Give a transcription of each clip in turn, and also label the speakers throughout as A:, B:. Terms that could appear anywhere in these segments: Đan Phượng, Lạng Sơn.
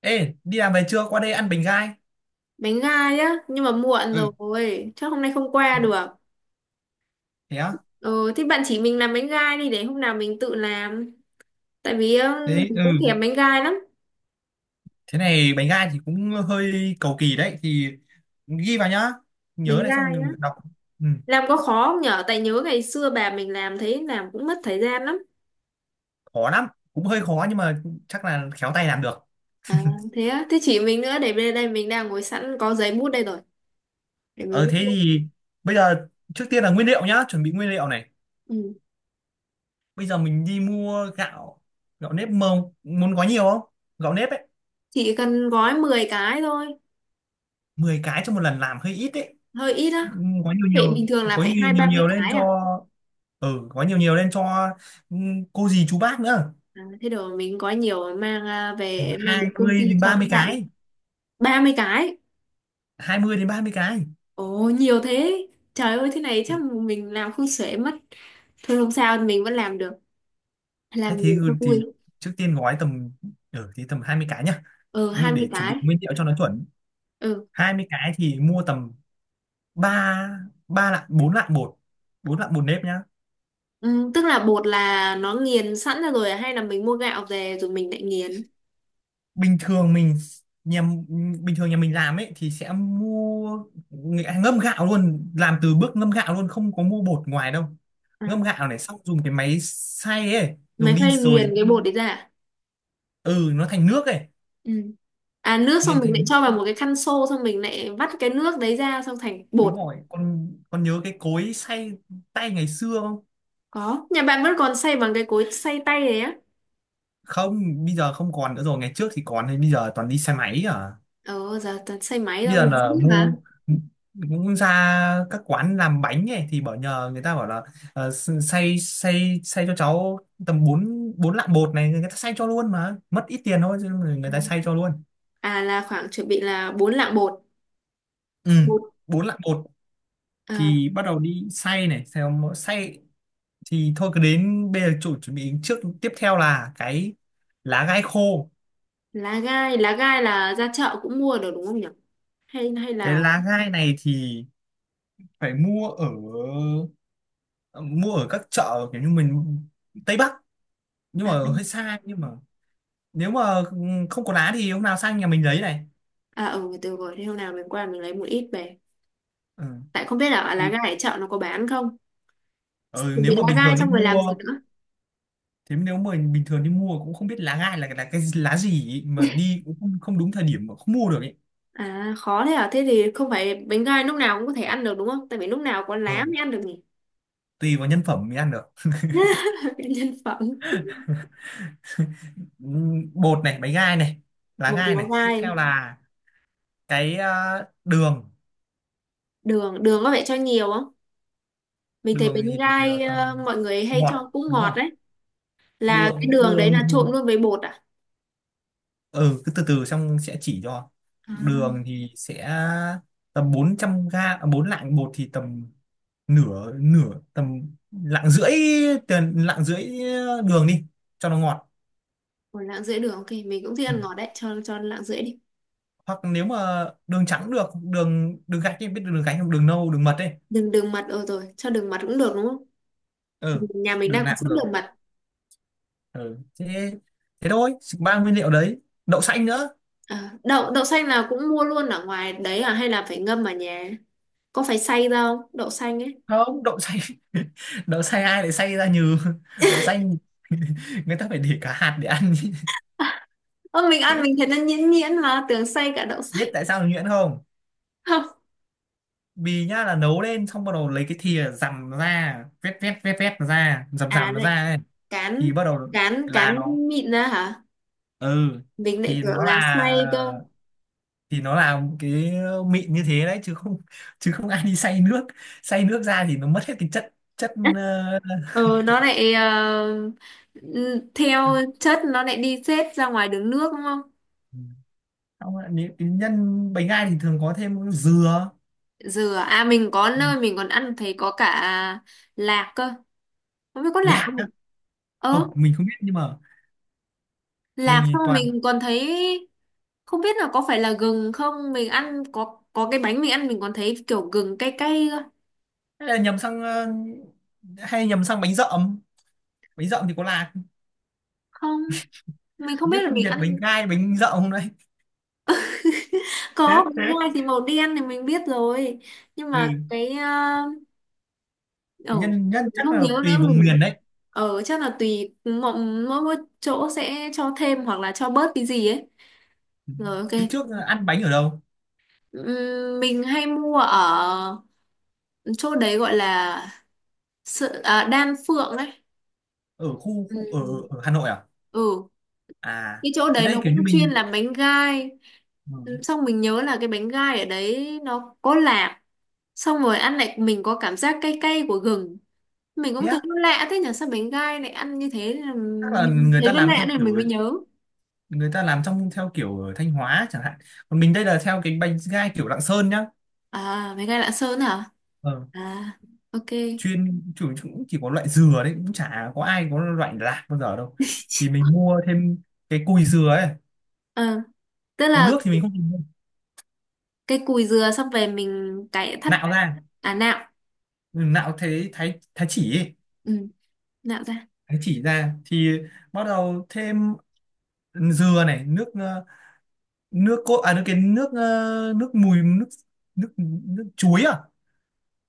A: Ê, đi làm về chưa? Qua đây ăn bánh gai.
B: Bánh gai á, nhưng mà muộn
A: Ừ.
B: rồi, chắc hôm nay không qua được.
A: Thế á?
B: Ừ, thế bạn chỉ mình làm bánh gai đi để hôm nào mình tự làm. Tại vì
A: Thế,
B: mình
A: ừ.
B: cũng thèm bánh gai lắm.
A: Thế này bánh gai thì cũng hơi cầu kỳ đấy. Thì ghi vào nhá.
B: Bánh
A: Nhớ này xong
B: gai á,
A: mình đọc. Ừ,
B: làm có khó không nhở? Tại nhớ ngày xưa bà mình làm thấy làm cũng mất thời gian lắm.
A: khó lắm. Cũng hơi khó nhưng mà chắc là khéo tay làm được.
B: À thế á? Thế chỉ mình nữa, để bên đây mình đang ngồi sẵn có giấy bút đây rồi, để mình
A: Ờ,
B: viết
A: thế
B: luôn.
A: thì bây giờ trước tiên là nguyên liệu nhá. Chuẩn bị nguyên liệu này.
B: Ừ.
A: Bây giờ mình đi mua gạo. Gạo nếp mông. Muốn có nhiều không? Gạo nếp ấy.
B: Chỉ cần gói 10 cái thôi.
A: 10 cái cho một lần làm hơi ít đấy.
B: Hơi ít á?
A: Có nhiều
B: Vậy bình
A: nhiều.
B: thường là
A: Có
B: phải
A: nhiều
B: hai
A: nhiều,
B: ba mươi
A: nhiều lên
B: cái
A: cho
B: à?
A: có nhiều nhiều lên cho ừ, cô dì chú bác nữa.
B: À thế đồ mình gói nhiều
A: Ừ,
B: về mang đến
A: hai
B: công ty
A: mươi đến
B: cho
A: ba
B: các
A: mươi
B: bạn.
A: cái
B: 30 cái?
A: 20 đến 30 cái.
B: Ồ nhiều thế. Trời ơi thế này chắc mình làm không xuể mất. Thôi không sao, mình vẫn làm được.
A: Hay
B: Làm
A: thế,
B: nhiều
A: ừ,
B: cho
A: thì
B: vui.
A: trước tiên gói tầm, thì tầm 20 cái nhá.
B: Ờ, hai mươi
A: Để chuẩn bị
B: cái
A: nguyên liệu cho nó chuẩn.
B: Ừ.
A: 20 cái thì mua tầm 3 3 lạng, 4 lạng bột, 4 lạng bột nếp nhá.
B: Ừ, tức là bột là nó nghiền sẵn ra rồi à? Hay là mình mua gạo về rồi mình lại nghiền?
A: bình thường mình nhà Bình thường nhà mình làm ấy thì sẽ mua, ngâm gạo luôn, làm từ bước ngâm gạo luôn, không có mua bột ngoài đâu.
B: À.
A: Ngâm gạo này xong dùng cái máy xay ấy, dùng
B: Máy
A: đi
B: phay nghiền
A: rồi,
B: cái bột đấy ra à?
A: ừ nó thành nước ấy.
B: Ừ. À, nước xong
A: Nghiền
B: mình lại
A: thành nước,
B: cho vào một cái khăn xô, xong mình lại vắt cái nước đấy ra, xong thành
A: đúng
B: bột.
A: rồi. Con nhớ cái cối xay tay ngày xưa không?
B: Có. Nhà bạn vẫn còn xay bằng cái cối xay tay đấy á?
A: Không, bây giờ không còn nữa rồi, ngày trước thì còn, thì bây giờ toàn đi xe máy à.
B: Ờ giờ toàn xay máy
A: Bây
B: thôi,
A: giờ
B: mình cũng
A: là
B: biết
A: mua,
B: mà.
A: cũng ra các quán làm bánh ấy thì bảo, nhờ người ta bảo là xay xay xay cho cháu tầm bốn 4 lạng bột này, người ta xay cho luôn mà mất ít tiền thôi, chứ người ta xay cho luôn.
B: À là khoảng chuẩn bị là 4 lạng bột.
A: Ừ,
B: Bột.
A: 4 lạng bột,
B: À,
A: thì bắt đầu đi xay này, xong xay thì thôi cứ đến bây giờ chuẩn bị trước. Tiếp theo là lá gai khô.
B: lá gai, lá gai là ra chợ cũng mua được đúng không nhỉ? Hay hay
A: Cái
B: là,
A: lá gai này thì phải mua ở, mua ở các chợ kiểu như mình, Tây Bắc, nhưng
B: à.
A: mà hơi xa, nhưng mà nếu mà không có lá thì hôm nào sang nhà mình lấy này.
B: À ừ được rồi, thế hôm nào mình qua mình lấy một ít về.
A: Ừ.
B: Tại không biết là lá
A: Thì-
B: gai ở chợ nó có bán không.
A: ừ,
B: Mình
A: nếu
B: bị
A: mà
B: lá
A: bình
B: gai
A: thường đi
B: xong rồi làm gì
A: mua,
B: nữa?
A: thế nếu mà bình thường đi mua cũng không biết lá gai là cái lá gì ý, mà đi cũng không đúng thời điểm mà không mua được ấy.
B: À khó thế à? Thế thì không phải bánh gai lúc nào cũng có thể ăn được đúng không, tại vì lúc nào có lá mới
A: Ừ.
B: ăn được nhỉ.
A: Tùy vào nhân phẩm mới ăn được.
B: Nhân phẩm.
A: Ừ, bột này, bánh gai này, lá
B: Một
A: gai
B: lá
A: này, tiếp theo
B: gai.
A: là cái đường.
B: Đường, đường có phải cho nhiều không? Mình thấy
A: Đường
B: bánh
A: thì ờ,
B: gai
A: tầm
B: mọi người hay
A: Ngọt
B: cho cũng
A: đúng
B: ngọt
A: không?
B: đấy. Là cái
A: đường
B: đường đấy
A: đường
B: là
A: thì
B: trộn luôn với bột à?
A: ừ cứ từ từ xong sẽ chỉ cho.
B: À.
A: Đường thì sẽ tầm 400 bốn lạng bột thì tầm nửa nửa tầm lạng rưỡi, lạng rưỡi đường đi cho nó ngọt.
B: 1 lạng rưỡi đường, ok mình cũng thích
A: Ừ.
B: ăn ngọt đấy, cho lạng rưỡi đi.
A: Hoặc nếu mà đường trắng cũng được, đường đường gạch ấy, biết đường gạch không, đường nâu, đường mật ấy.
B: Đường, đường mật, ờ rồi cho đường mật cũng được đúng không? Ừ,
A: Ừ,
B: nhà mình
A: đường
B: đang có
A: nạc
B: sẵn
A: được.
B: đường mật.
A: Ừ. thế thế thôi, ba nguyên liệu đấy, đậu xanh nữa.
B: Ờ, đậu, đậu xanh là cũng mua luôn ở ngoài đấy à, hay là phải ngâm ở nhà? Có phải xay ra không, đậu xanh ấy?
A: Không, đậu xay đậu xay, ai lại xay ra nhừ, đậu xay người ta phải để cả hạt để ăn.
B: Ơ mình ăn mình thấy nó nhuyễn nhuyễn mà tưởng xay cả đậu xanh.
A: Biết tại sao nó nhuyễn không?
B: Không.
A: Vì nhá, là nấu lên xong bắt đầu lấy cái thìa dằm nó ra, vét vét vét vét nó ra, dằm
B: À
A: dằm nó
B: lại
A: ra ấy.
B: cán,
A: Thì bắt đầu
B: cán
A: là
B: cán
A: nó,
B: mịn ra hả?
A: ừ
B: Mình lại
A: thì
B: tưởng
A: nó
B: là
A: là
B: xay cơ.
A: thì nó là một cái mịn như thế đấy, chứ không, chứ không ai đi xay nước, xay nước ra thì nó mất hết cái chất chất ờ,
B: Ờ nó lại ừ, theo chất nó lại đi xếp ra ngoài đường nước đúng không?
A: xong rồi. Nếu cái nhân bánh gai thì thường có thêm dừa.
B: Dừa à? À, mình có nơi mình còn ăn thấy có cả lạc cơ. Không biết có lạc không
A: Lạc?
B: nhỉ? Ờ,
A: Không, mình không biết, nhưng mà
B: lạc xong
A: mình
B: rồi
A: toàn,
B: mình còn thấy không biết là có phải là gừng không, mình ăn có cái bánh mình ăn mình còn thấy kiểu gừng cay cay cơ.
A: hay là nhầm sang ờ, hay nhầm sang bánh dợm, bánh dợm thì có lạc,
B: Không, mình không
A: không biết
B: biết là
A: phân
B: mình
A: biệt bánh
B: ăn
A: gai bánh dợm không đấy.
B: có. Bánh gai thì màu đen thì mình biết rồi, nhưng mà
A: Ừ,
B: cái ở,
A: nhân nhân
B: mình
A: chắc
B: không
A: là
B: nhớ nữa
A: tùy vùng
B: mình
A: miền đấy.
B: ở chắc là tùy mỗi, mỗi, mỗi chỗ sẽ cho thêm hoặc là cho bớt cái gì ấy. Rồi ok.
A: Thế trước ăn bánh ở đâu?
B: Mình hay mua ở chỗ đấy, gọi là sự, à, Đan Phượng đấy.
A: Ở khu khu Ở
B: Ừm.
A: ở Hà Nội à?
B: Ừ,
A: À
B: cái chỗ
A: thế
B: đấy nó
A: đây kiểu
B: cũng
A: như
B: chuyên
A: mình.
B: làm bánh gai.
A: Ừ.
B: Xong mình nhớ là cái bánh gai ở đấy nó có lạc, xong rồi ăn lại mình có cảm giác cay cay của gừng. Mình
A: Thế
B: cũng thấy
A: á,
B: nó lạ thế nhỉ, sao bánh gai lại ăn như thế. Là
A: chắc là
B: mình
A: người
B: thấy
A: ta
B: nó
A: làm
B: lạ
A: theo
B: nên mình
A: kiểu,
B: mới nhớ
A: người ta làm theo kiểu ở Thanh Hóa chẳng hạn, còn mình đây là theo cái bánh gai kiểu Lạng Sơn nhá.
B: À bánh gai Lạng Sơn hả?
A: Ờ,
B: À ok.
A: cũng chỉ có loại dừa đấy, cũng chả có ai có loại lạc bao giờ đâu. Thì mình mua thêm cái cùi dừa ấy,
B: Ờ, tức
A: còn
B: là
A: nước thì mình không dùng đâu.
B: cái cùi dừa xong về mình cải thắt.
A: Nạo ra.
B: À nạo.
A: Ừ, nạo, thế thái, thái chỉ ấy.
B: Ừ. Nạo ra.
A: Thái chỉ ra thì bắt đầu thêm dừa này, nước cốt à, nước cái nước ờ, nước mùi nước nước nước chuối à,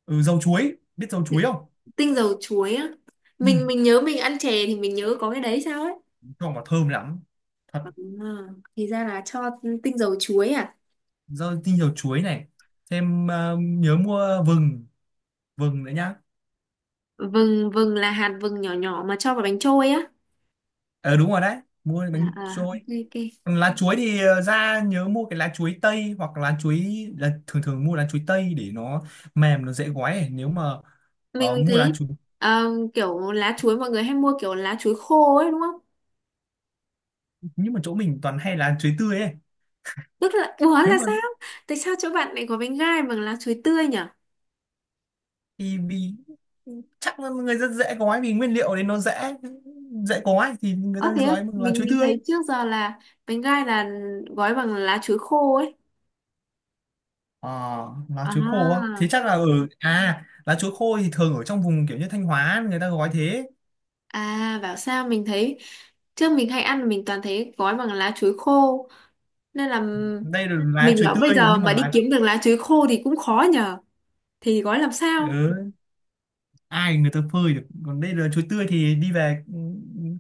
A: ừ, dầu chuối, biết dầu chuối không?
B: Tinh dầu chuối á?
A: Ừ,
B: Mình nhớ mình ăn chè thì mình nhớ có cái đấy sao ấy.
A: cho vào thơm lắm thật.
B: À, thì ra là cho tinh dầu chuối à.
A: Tinh dầu chuối này. Thêm nhớ mua vừng, vừng nữa nhá.
B: Vừng, vừng là hạt vừng nhỏ nhỏ mà cho vào bánh trôi á.
A: Ờ đúng rồi đấy, mua bánh
B: À, à
A: trôi.
B: ok ok.
A: Còn lá chuối thì ra nhớ mua cái lá chuối tây hoặc lá chuối, là thường thường mua lá chuối tây để nó mềm, nó dễ gói ấy. Nếu mà
B: mình mình
A: mua lá
B: thấy
A: chuối,
B: ờ, kiểu lá chuối mọi người hay mua kiểu lá chuối khô ấy đúng không?
A: nhưng mà chỗ mình toàn hay lá chuối tươi ấy.
B: Tức là ủa
A: Nếu
B: là
A: mà
B: sao? Tại sao chỗ bạn lại có bánh gai bằng lá chuối tươi nhỉ?
A: thì vì chắc là người rất dễ gói, vì nguyên liệu đấy nó dễ, dễ gói thì người ta
B: Ờ thế á,
A: gói bằng lá
B: mình
A: chuối
B: mình
A: tươi.
B: thấy trước giờ là bánh gai là gói bằng lá chuối khô ấy.
A: Ờ, lá chuối khô á
B: À.
A: thì chắc là ở, à lá chuối khô thì thường ở trong vùng kiểu như Thanh Hóa người ta gói thế.
B: À bảo sao mình thấy trước mình hay ăn mình toàn thấy gói bằng lá chuối khô nên là
A: Đây là lá
B: mình
A: chuối
B: bảo bây
A: tươi,
B: giờ
A: nhưng mà
B: mà đi
A: lá,
B: kiếm được lá chuối khô thì cũng khó nhờ. Thì gói làm sao?
A: ừ, ai người ta phơi được, còn đây là chuối tươi thì đi về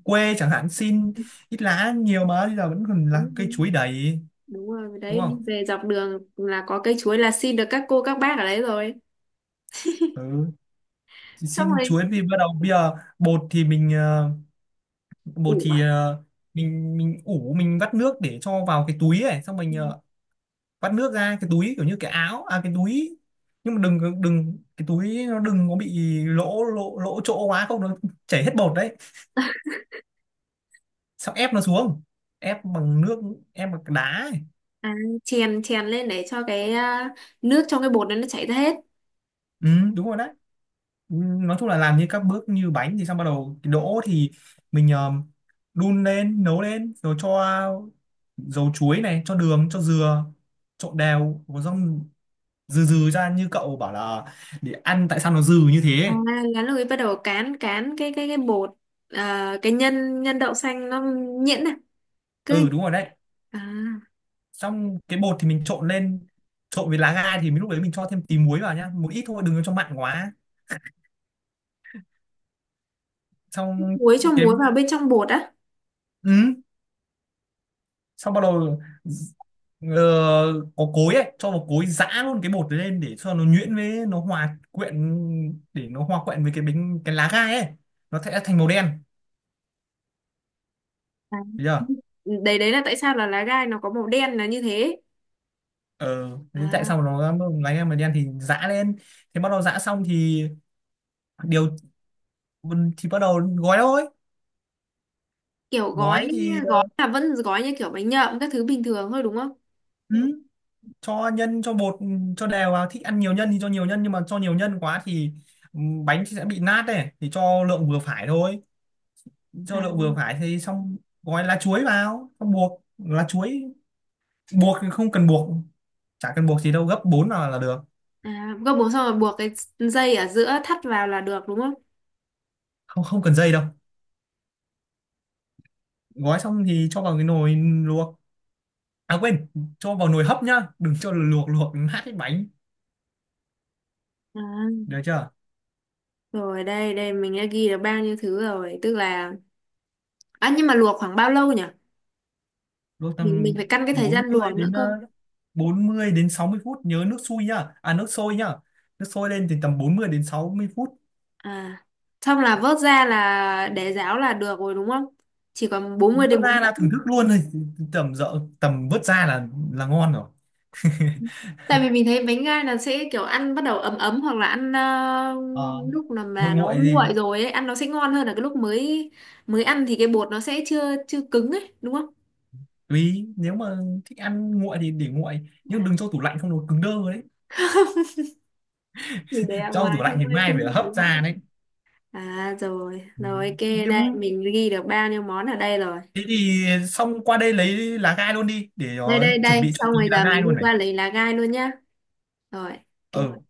A: quê chẳng hạn xin ít lá nhiều, mà bây giờ vẫn còn là cây
B: đúng,
A: chuối đầy.
B: Đúng rồi
A: Đúng
B: đấy, đi
A: không?
B: về dọc đường là có cây chuối là xin được các cô các bác ở đấy rồi.
A: Ừ, thì
B: Xong
A: xin
B: rồi
A: chuối thì bắt đầu bây giờ, bột thì mình ờ, bột
B: ủ
A: thì
B: à,
A: ờ, mình ủ, mình vắt nước để cho vào cái túi ấy, xong mình vắt nước ra cái túi kiểu như cái áo, à cái túi, nhưng mà đừng đừng cái túi nó đừng có bị lỗ lỗ lỗ chỗ quá không nó chảy hết bột đấy. Xong ép nó xuống, ép bằng nước, ép bằng đá ấy.
B: à, chèn chèn lên để cho cái nước trong cái bột đó nó chảy ra hết.
A: Ừ, đúng rồi đấy. Nói chung là làm như các bước như bánh, thì xong bắt đầu cái đỗ thì mình đun lên nấu lên, rồi cho dầu chuối này, cho đường, cho dừa, trộn đều có xong, dừ dừ ra như cậu bảo là để ăn tại sao nó dừ như
B: À,
A: thế.
B: lá lùi bắt đầu cán, cái cái bột, à, cái nhân, đậu xanh nó nhuyễn này, cứ.
A: Ừ đúng rồi đấy.
B: À
A: Xong cái bột thì mình trộn lên, trộn với lá gai thì mình lúc đấy mình cho thêm tí muối vào nhá, một ít thôi đừng có cho mặn quá. Xong
B: muối, cho
A: cái
B: muối vào bên trong bột á?
A: Ừ, xong bắt đầu ờ, có cối ấy cho vào cối giã luôn cái bột đấy lên để cho nó nhuyễn, với nó hòa quyện, để nó hòa quyện với cái bánh, cái lá gai ấy, nó sẽ thành màu đen.
B: À,
A: Bây giờ
B: đấy đấy là tại sao là lá gai nó có màu đen là như thế.
A: ờ thế tại
B: À,
A: sao nó lá gai màu đen thì giã lên. Thế bắt đầu giã xong thì điều thì bắt đầu gói thôi.
B: kiểu gói,
A: Gói thì
B: gói là vẫn gói như kiểu bánh nhậm các thứ bình thường thôi đúng không?
A: ừ, cho nhân cho bột, ừ, cho đều vào, thích ăn nhiều nhân thì cho nhiều nhân, nhưng mà cho nhiều nhân quá thì ừ, bánh sẽ bị nát đấy thì cho lượng vừa phải thôi,
B: À,
A: cho đậu vừa phải thì xong. Gói lá chuối vào, xong buộc lá chuối, buộc thì không cần buộc, chả cần buộc gì đâu, gấp 4 vào là được.
B: à gấp bột xong rồi buộc cái dây ở giữa thắt vào là được đúng không?
A: Không không cần dây đâu. Gói xong thì cho vào cái nồi luộc, à quên, cho vào nồi hấp nhá, đừng cho luộc, luộc nát cái bánh.
B: À,
A: Được chưa?
B: rồi đây đây mình đã ghi được bao nhiêu thứ rồi, tức là, à, nhưng mà luộc khoảng bao lâu nhỉ?
A: Luộc
B: Mình
A: tầm,
B: phải căn cái thời
A: bốn
B: gian
A: mươi
B: luộc nữa
A: đến
B: cơ.
A: 40 đến 60 phút, nhớ nước sôi nhá, à nước sôi nhá, nước sôi lên thì tầm 40 đến 60 phút.
B: À xong là vớt ra là để ráo là được rồi đúng không? Chỉ còn 40 đến
A: Vớt
B: bốn
A: ra
B: mươi
A: là thưởng thức
B: phút.
A: luôn thôi. Tầm vớt ra là ngon rồi.
B: Tại vì mình thấy bánh gai là sẽ kiểu ăn bắt đầu ấm ấm hoặc là ăn
A: Ờ,
B: lúc là
A: nguội
B: mà nó
A: nguội gì.
B: nguội rồi ấy ăn nó sẽ ngon hơn là cái lúc mới, mới ăn thì cái bột nó sẽ chưa chưa cứng ấy đúng không?
A: Tùy nếu mà thích ăn nguội thì để nguội, nhưng
B: À,
A: đừng cho tủ lạnh không nó cứng đơ đấy.
B: mình để ở
A: Cho
B: ngoài
A: tủ lạnh thì
B: thôi
A: mai
B: không
A: phải
B: sao phải
A: hấp
B: lạnh.
A: ra đấy.
B: À rồi
A: Ừ.
B: rồi ok. Đây
A: Nhưng
B: mình ghi được bao nhiêu món ở đây rồi.
A: thế thì xong qua đây lấy lá gai luôn đi để
B: Đây đây
A: chuẩn
B: đây
A: bị cho
B: xong
A: tí
B: rồi
A: lá
B: giờ
A: gai
B: mình đi
A: luôn này.
B: qua lấy lá gai luôn nhá. Rồi
A: Ờ.
B: ok.